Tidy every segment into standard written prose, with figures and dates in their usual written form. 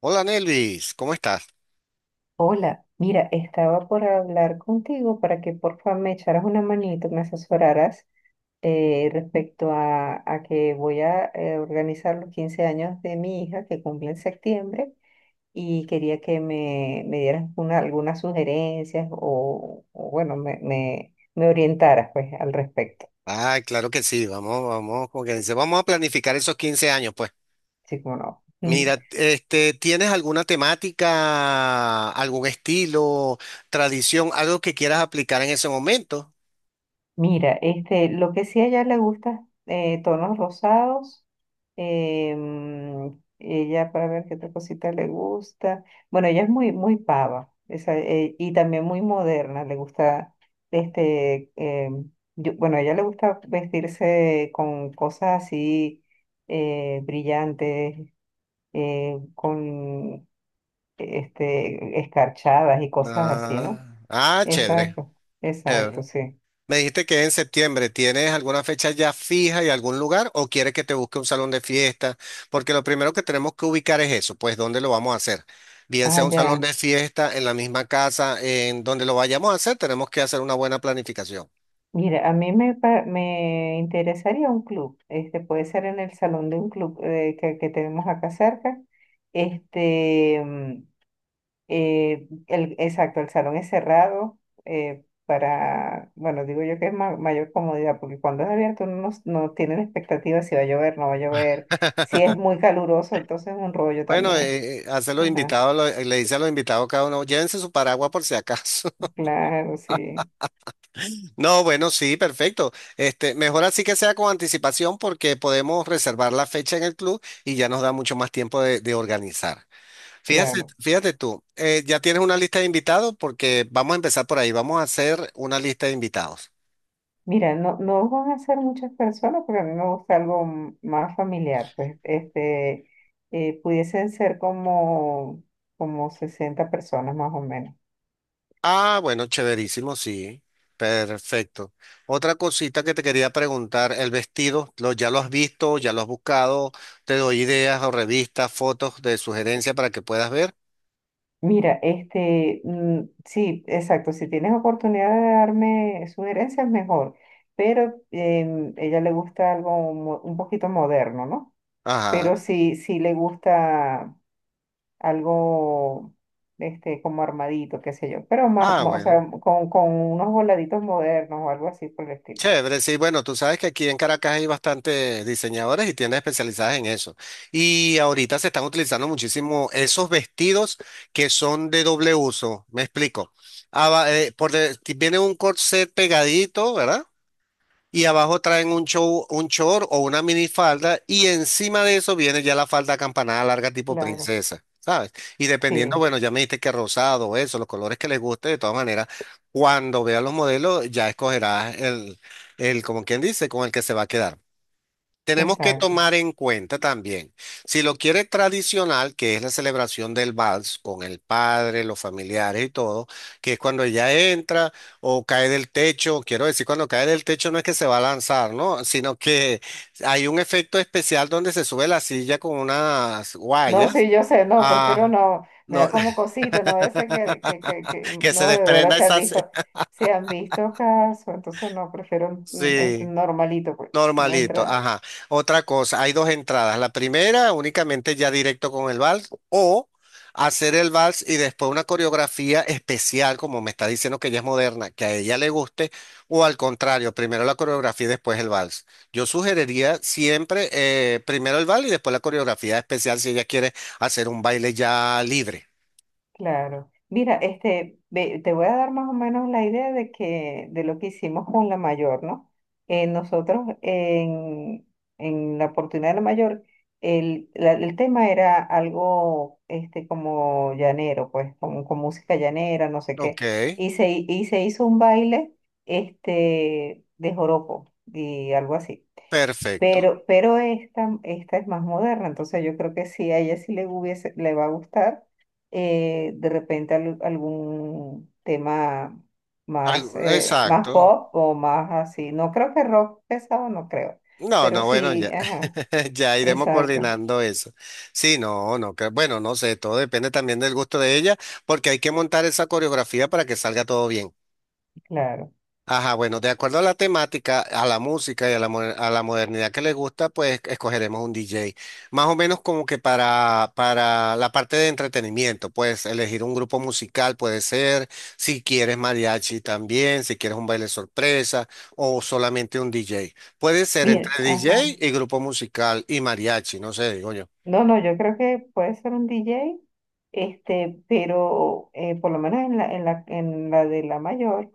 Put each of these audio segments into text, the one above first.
Hola Nelvis, ¿cómo estás? Hola, mira, estaba por hablar contigo para que por favor me echaras una manito, me asesoraras respecto a que voy a organizar los 15 años de mi hija que cumple en septiembre, y quería que me dieras algunas sugerencias o bueno, me orientaras, pues, al respecto. Ay, claro que sí, vamos, vamos, como que dice, vamos a planificar esos 15 años, pues. Sí, como no. Mira, este, ¿tienes alguna temática, algún estilo, tradición, algo que quieras aplicar en ese momento? Mira, este, lo que sí a ella le gusta, tonos rosados. Ella, para ver qué otra cosita le gusta. Bueno, ella es muy, muy pava, esa, y también muy moderna. Le gusta, este, bueno, a ella le gusta vestirse con cosas así brillantes, con este, escarchadas y cosas así, ¿no? Ah, ah, chévere, Exacto, exacto, chévere. sí. Me dijiste que es en septiembre. ¿Tienes alguna fecha ya fija y algún lugar o quieres que te busque un salón de fiesta? Porque lo primero que tenemos que ubicar es eso, pues dónde lo vamos a hacer. Bien sea Ah, un salón ya. de fiesta, en la misma casa, en donde lo vayamos a hacer, tenemos que hacer una buena planificación. Mira, a mí me interesaría un club, este puede ser en el salón de un club que tenemos acá cerca. Este, exacto, el salón es cerrado para, bueno, digo yo que es mayor comodidad, porque cuando es abierto uno no tiene la expectativa si va a llover, no va a llover, si es muy caluroso, entonces es un rollo Bueno, también. Hace los Ajá, invitados, le dice a los invitados cada uno, llévense su paraguas por si acaso. claro, sí, No, bueno, sí, perfecto. Este, mejor así que sea con anticipación porque podemos reservar la fecha en el club y ya nos da mucho más tiempo de organizar. Fíjate, claro. fíjate tú, ya tienes una lista de invitados porque vamos a empezar por ahí, vamos a hacer una lista de invitados. Mira, no, no van a ser muchas personas, pero a mí me gusta algo más familiar. Pues este, pudiesen ser como 60 personas más o menos. Ah, bueno, chéverísimo, sí, perfecto. Otra cosita que te quería preguntar, el vestido, lo, ¿ya lo has visto, ya lo has buscado? Te doy ideas o revistas, fotos de sugerencia para que puedas ver. Mira, este, sí, exacto. Si tienes oportunidad de darme sugerencias, mejor. Pero ella le gusta algo un poquito moderno, ¿no? Ajá, Pero sí, sí le gusta algo este, como armadito, qué sé yo, pero más, ah, más, o bueno. sea, con unos voladitos modernos o algo así por el estilo. Chévere, sí, bueno, tú sabes que aquí en Caracas hay bastantes diseñadores y tiendas especializadas en eso. Y ahorita se están utilizando muchísimo esos vestidos que son de doble uso, me explico. Viene un corset pegadito, ¿verdad? Y abajo traen un short o una minifalda y encima de eso viene ya la falda acampanada larga tipo Claro, princesa, ¿sabes? Y dependiendo, sí, bueno, ya me dijiste que rosado, eso, los colores que les guste, de todas maneras, cuando veas los modelos ya escogerás el, como quien dice, con el que se va a quedar. Tenemos que exacto. tomar en cuenta también, si lo quiere tradicional, que es la celebración del vals con el padre, los familiares y todo, que es cuando ella entra o cae del techo, quiero decir, cuando cae del techo no es que se va a lanzar, ¿no? Sino que hay un efecto especial donde se sube la silla con unas No, guayas, sí, yo sé, no, prefiero ah, no, me no, da como cosita, no vaya a ser que, que se no, de verdad desprenda esa... se han visto casos, entonces no, prefiero este Sí. normalito, pues, una Normalito, entrada. ajá. Otra cosa, hay dos entradas. La primera, únicamente ya directo con el vals, o hacer el vals y después una coreografía especial, como me está diciendo que ella es moderna, que a ella le guste, o al contrario, primero la coreografía y después el vals. Yo sugeriría siempre primero el vals y después la coreografía especial si ella quiere hacer un baile ya libre. Claro. Mira, este, te voy a dar más o menos la idea de que, de lo que hicimos con la mayor, ¿no? Nosotros en la oportunidad de la mayor, el tema era algo este, como llanero, pues, como, con música llanera, no sé Ok, qué. Y se hizo un baile este, de joropo y algo así. perfecto. Pero esta es más moderna, entonces yo creo que sí, a ella sí le hubiese, le va a gustar de repente algún tema más, Algo- más Exacto. pop o más así. No creo que rock pesado, no creo, No, pero no, bueno, sí, ya, ajá, ya iremos exacto, coordinando eso. Sí, no, no, que, bueno, no sé, todo depende también del gusto de ella, porque hay que montar esa coreografía para que salga todo bien. claro. Ajá, bueno, de acuerdo a la temática, a la música y a la, a la modernidad que le gusta, pues escogeremos un DJ. Más o menos como que para la parte de entretenimiento, pues elegir un grupo musical puede ser, si quieres mariachi también, si quieres un baile sorpresa o solamente un DJ. Puede ser entre Mira, DJ ajá. y grupo musical y mariachi, no sé, digo yo. No, no, yo creo que puede ser un DJ, este, pero por lo menos en la, en la de la mayor,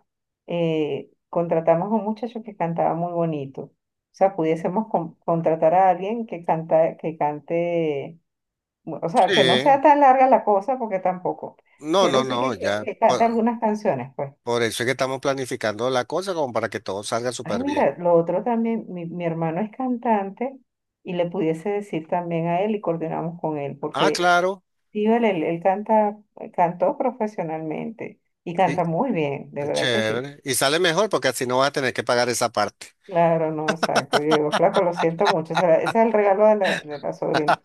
contratamos a un muchacho que cantaba muy bonito. O sea, pudiésemos contratar a alguien que canta, que cante, o Sí, sea, que no sea tan larga la cosa, porque tampoco, no, pero no, sí no, que, que, ya. que cante algunas canciones, pues. Por eso es que estamos planificando la cosa como para que todo salga Ay, súper bien. mira, lo otro también, mi hermano es cantante y le pudiese decir también a él y coordinamos con él, Ah, porque claro. sí, vale, él canta, cantó profesionalmente y canta muy bien, de verdad que sí. Chévere. Y sale mejor porque así no vas a tener que pagar esa parte. Claro, no, exacto. Yo digo, flaco, lo siento mucho. Ese es el regalo de la sobrina.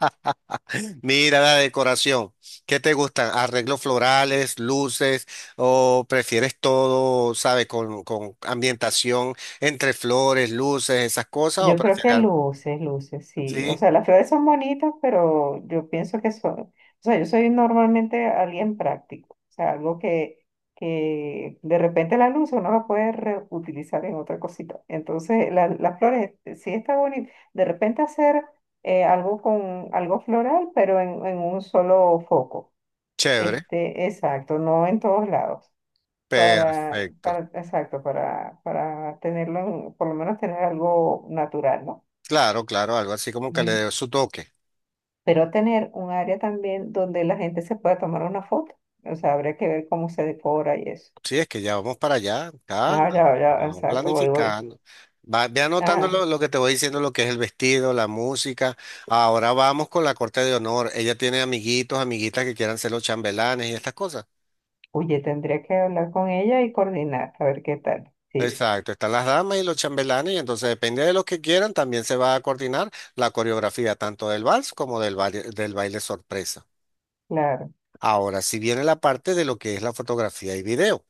Mira la decoración. ¿Qué te gustan? ¿Arreglos florales, luces o prefieres todo, sabe, con ambientación entre flores, luces, esas cosas o Yo creo prefieres que algo? luces, luces, sí. O Sí, sea, las flores son bonitas, pero yo pienso que son, o sea, yo soy normalmente alguien práctico, o sea, algo que de repente la luz uno la puede reutilizar en otra cosita. Entonces, las flores sí está bonito. De repente hacer algo con algo floral, pero en un solo foco. chévere. Este, exacto, no en todos lados. Perfecto. Para, exacto, para tenerlo, por lo menos tener algo natural, ¿no? Claro, claro, algo así como que le Ujú. dé su toque. Pero tener un área también donde la gente se pueda tomar una foto. O sea, habría que ver cómo se decora y eso. Sí, es que ya vamos para allá, calma, No, ya, ya, vamos exacto, voy, voy. planificando. Va, ve anotando Ajá. Lo que te voy diciendo, lo que es el vestido, la música. Ahora vamos con la corte de honor. Ella tiene amiguitos, amiguitas que quieran ser los chambelanes y estas cosas. Oye, tendría que hablar con ella y coordinar, a ver qué tal. Sí, Exacto, están las damas y los chambelanes, y entonces depende de los que quieran, también se va a coordinar la coreografía tanto del vals como del baile sorpresa. claro. Ahora, si viene la parte de lo que es la fotografía y video.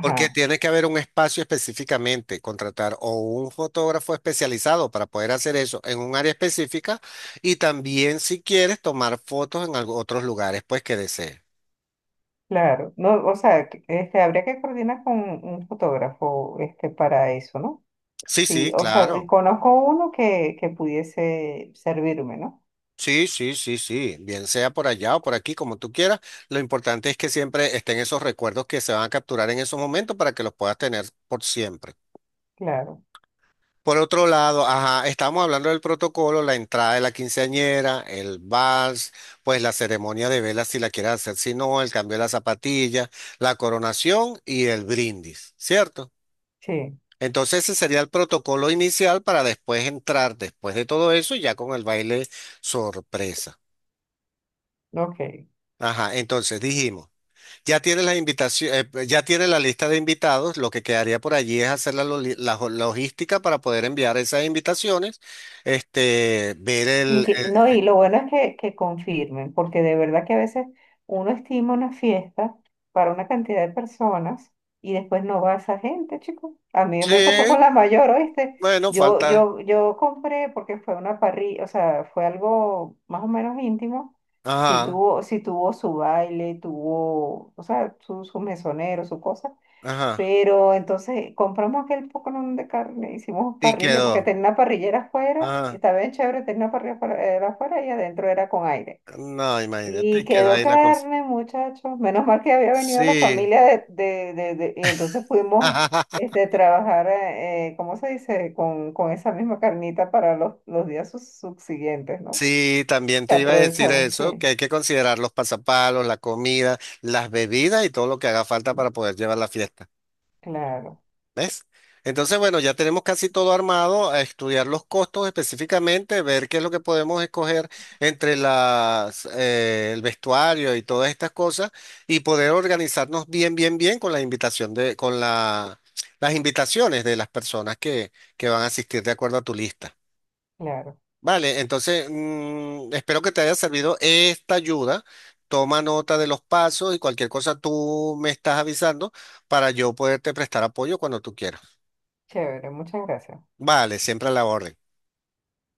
Porque tiene que haber un espacio específicamente, contratar o un fotógrafo especializado para poder hacer eso en un área específica y también si quieres tomar fotos en otros lugares, pues que desees. claro. No, o sea, este, habría que coordinar con un fotógrafo, este, para eso, ¿no? Sí, Sí, sí, o sea, claro. desconozco uno que pudiese servirme, ¿no? Sí, sí, sí, sí. Bien sea por allá o por aquí, como tú quieras. Lo importante es que siempre estén esos recuerdos que se van a capturar en esos momentos para que los puedas tener por siempre. Claro, Por otro lado, ajá, estamos hablando del protocolo, la entrada de la quinceañera, el vals, pues la ceremonia de velas si la quieres hacer, si no, el cambio de la zapatilla, la coronación y el brindis, ¿cierto? sí, Entonces ese sería el protocolo inicial para después entrar, después de todo eso, ya con el baile sorpresa. ok. Ajá, entonces dijimos. Ya tienes la invitación, pues, ya tienes la lista de invitados. Lo que quedaría por allí es hacer la, loli- la jo- logística para poder enviar esas invitaciones. Este, ver el, No, y lo bueno es que confirmen, porque de verdad que a veces uno estima una fiesta para una cantidad de personas y después no va esa gente, chicos. A mí me pasó con sí, la mayor, ¿oíste? bueno, Yo, falta. yo, yo compré porque fue una parrilla, o sea, fue algo más o menos íntimo. Sí Ajá, tuvo, sí tuvo su baile, tuvo, o sea, su mesonero, su cosa, ajá. pero entonces compramos aquel poconón de carne, hicimos Y parrilla, porque quedó. tenía una parrillera afuera, y Ajá. estaba bien chévere, tenía una parrilla afuera, era afuera y adentro era con aire. No, Y imagínate, quedó quedó ahí la cosa. carne, muchachos. Menos mal que había venido la Sí. familia de, y entonces pudimos este, trabajar, ¿cómo se dice? Con esa misma carnita para los días subsiguientes, ¿no? Sí, también Se te iba a decir aprovecharon, eso, que sí, hay que considerar los pasapalos, la comida, las bebidas y todo lo que haga falta para poder llevar la fiesta. claro, ¿Ves? Entonces, bueno, ya tenemos casi todo armado, a estudiar los costos específicamente, ver qué es lo que podemos escoger entre las, el vestuario y todas estas cosas y poder organizarnos bien, bien, bien con la invitación de, con la, las invitaciones de las personas que van a asistir de acuerdo a tu lista. claro. Vale, entonces, espero que te haya servido esta ayuda. Toma nota de los pasos y cualquier cosa tú me estás avisando para yo poderte prestar apoyo cuando tú quieras. Chévere, muchas gracias. Vale, siempre a la orden.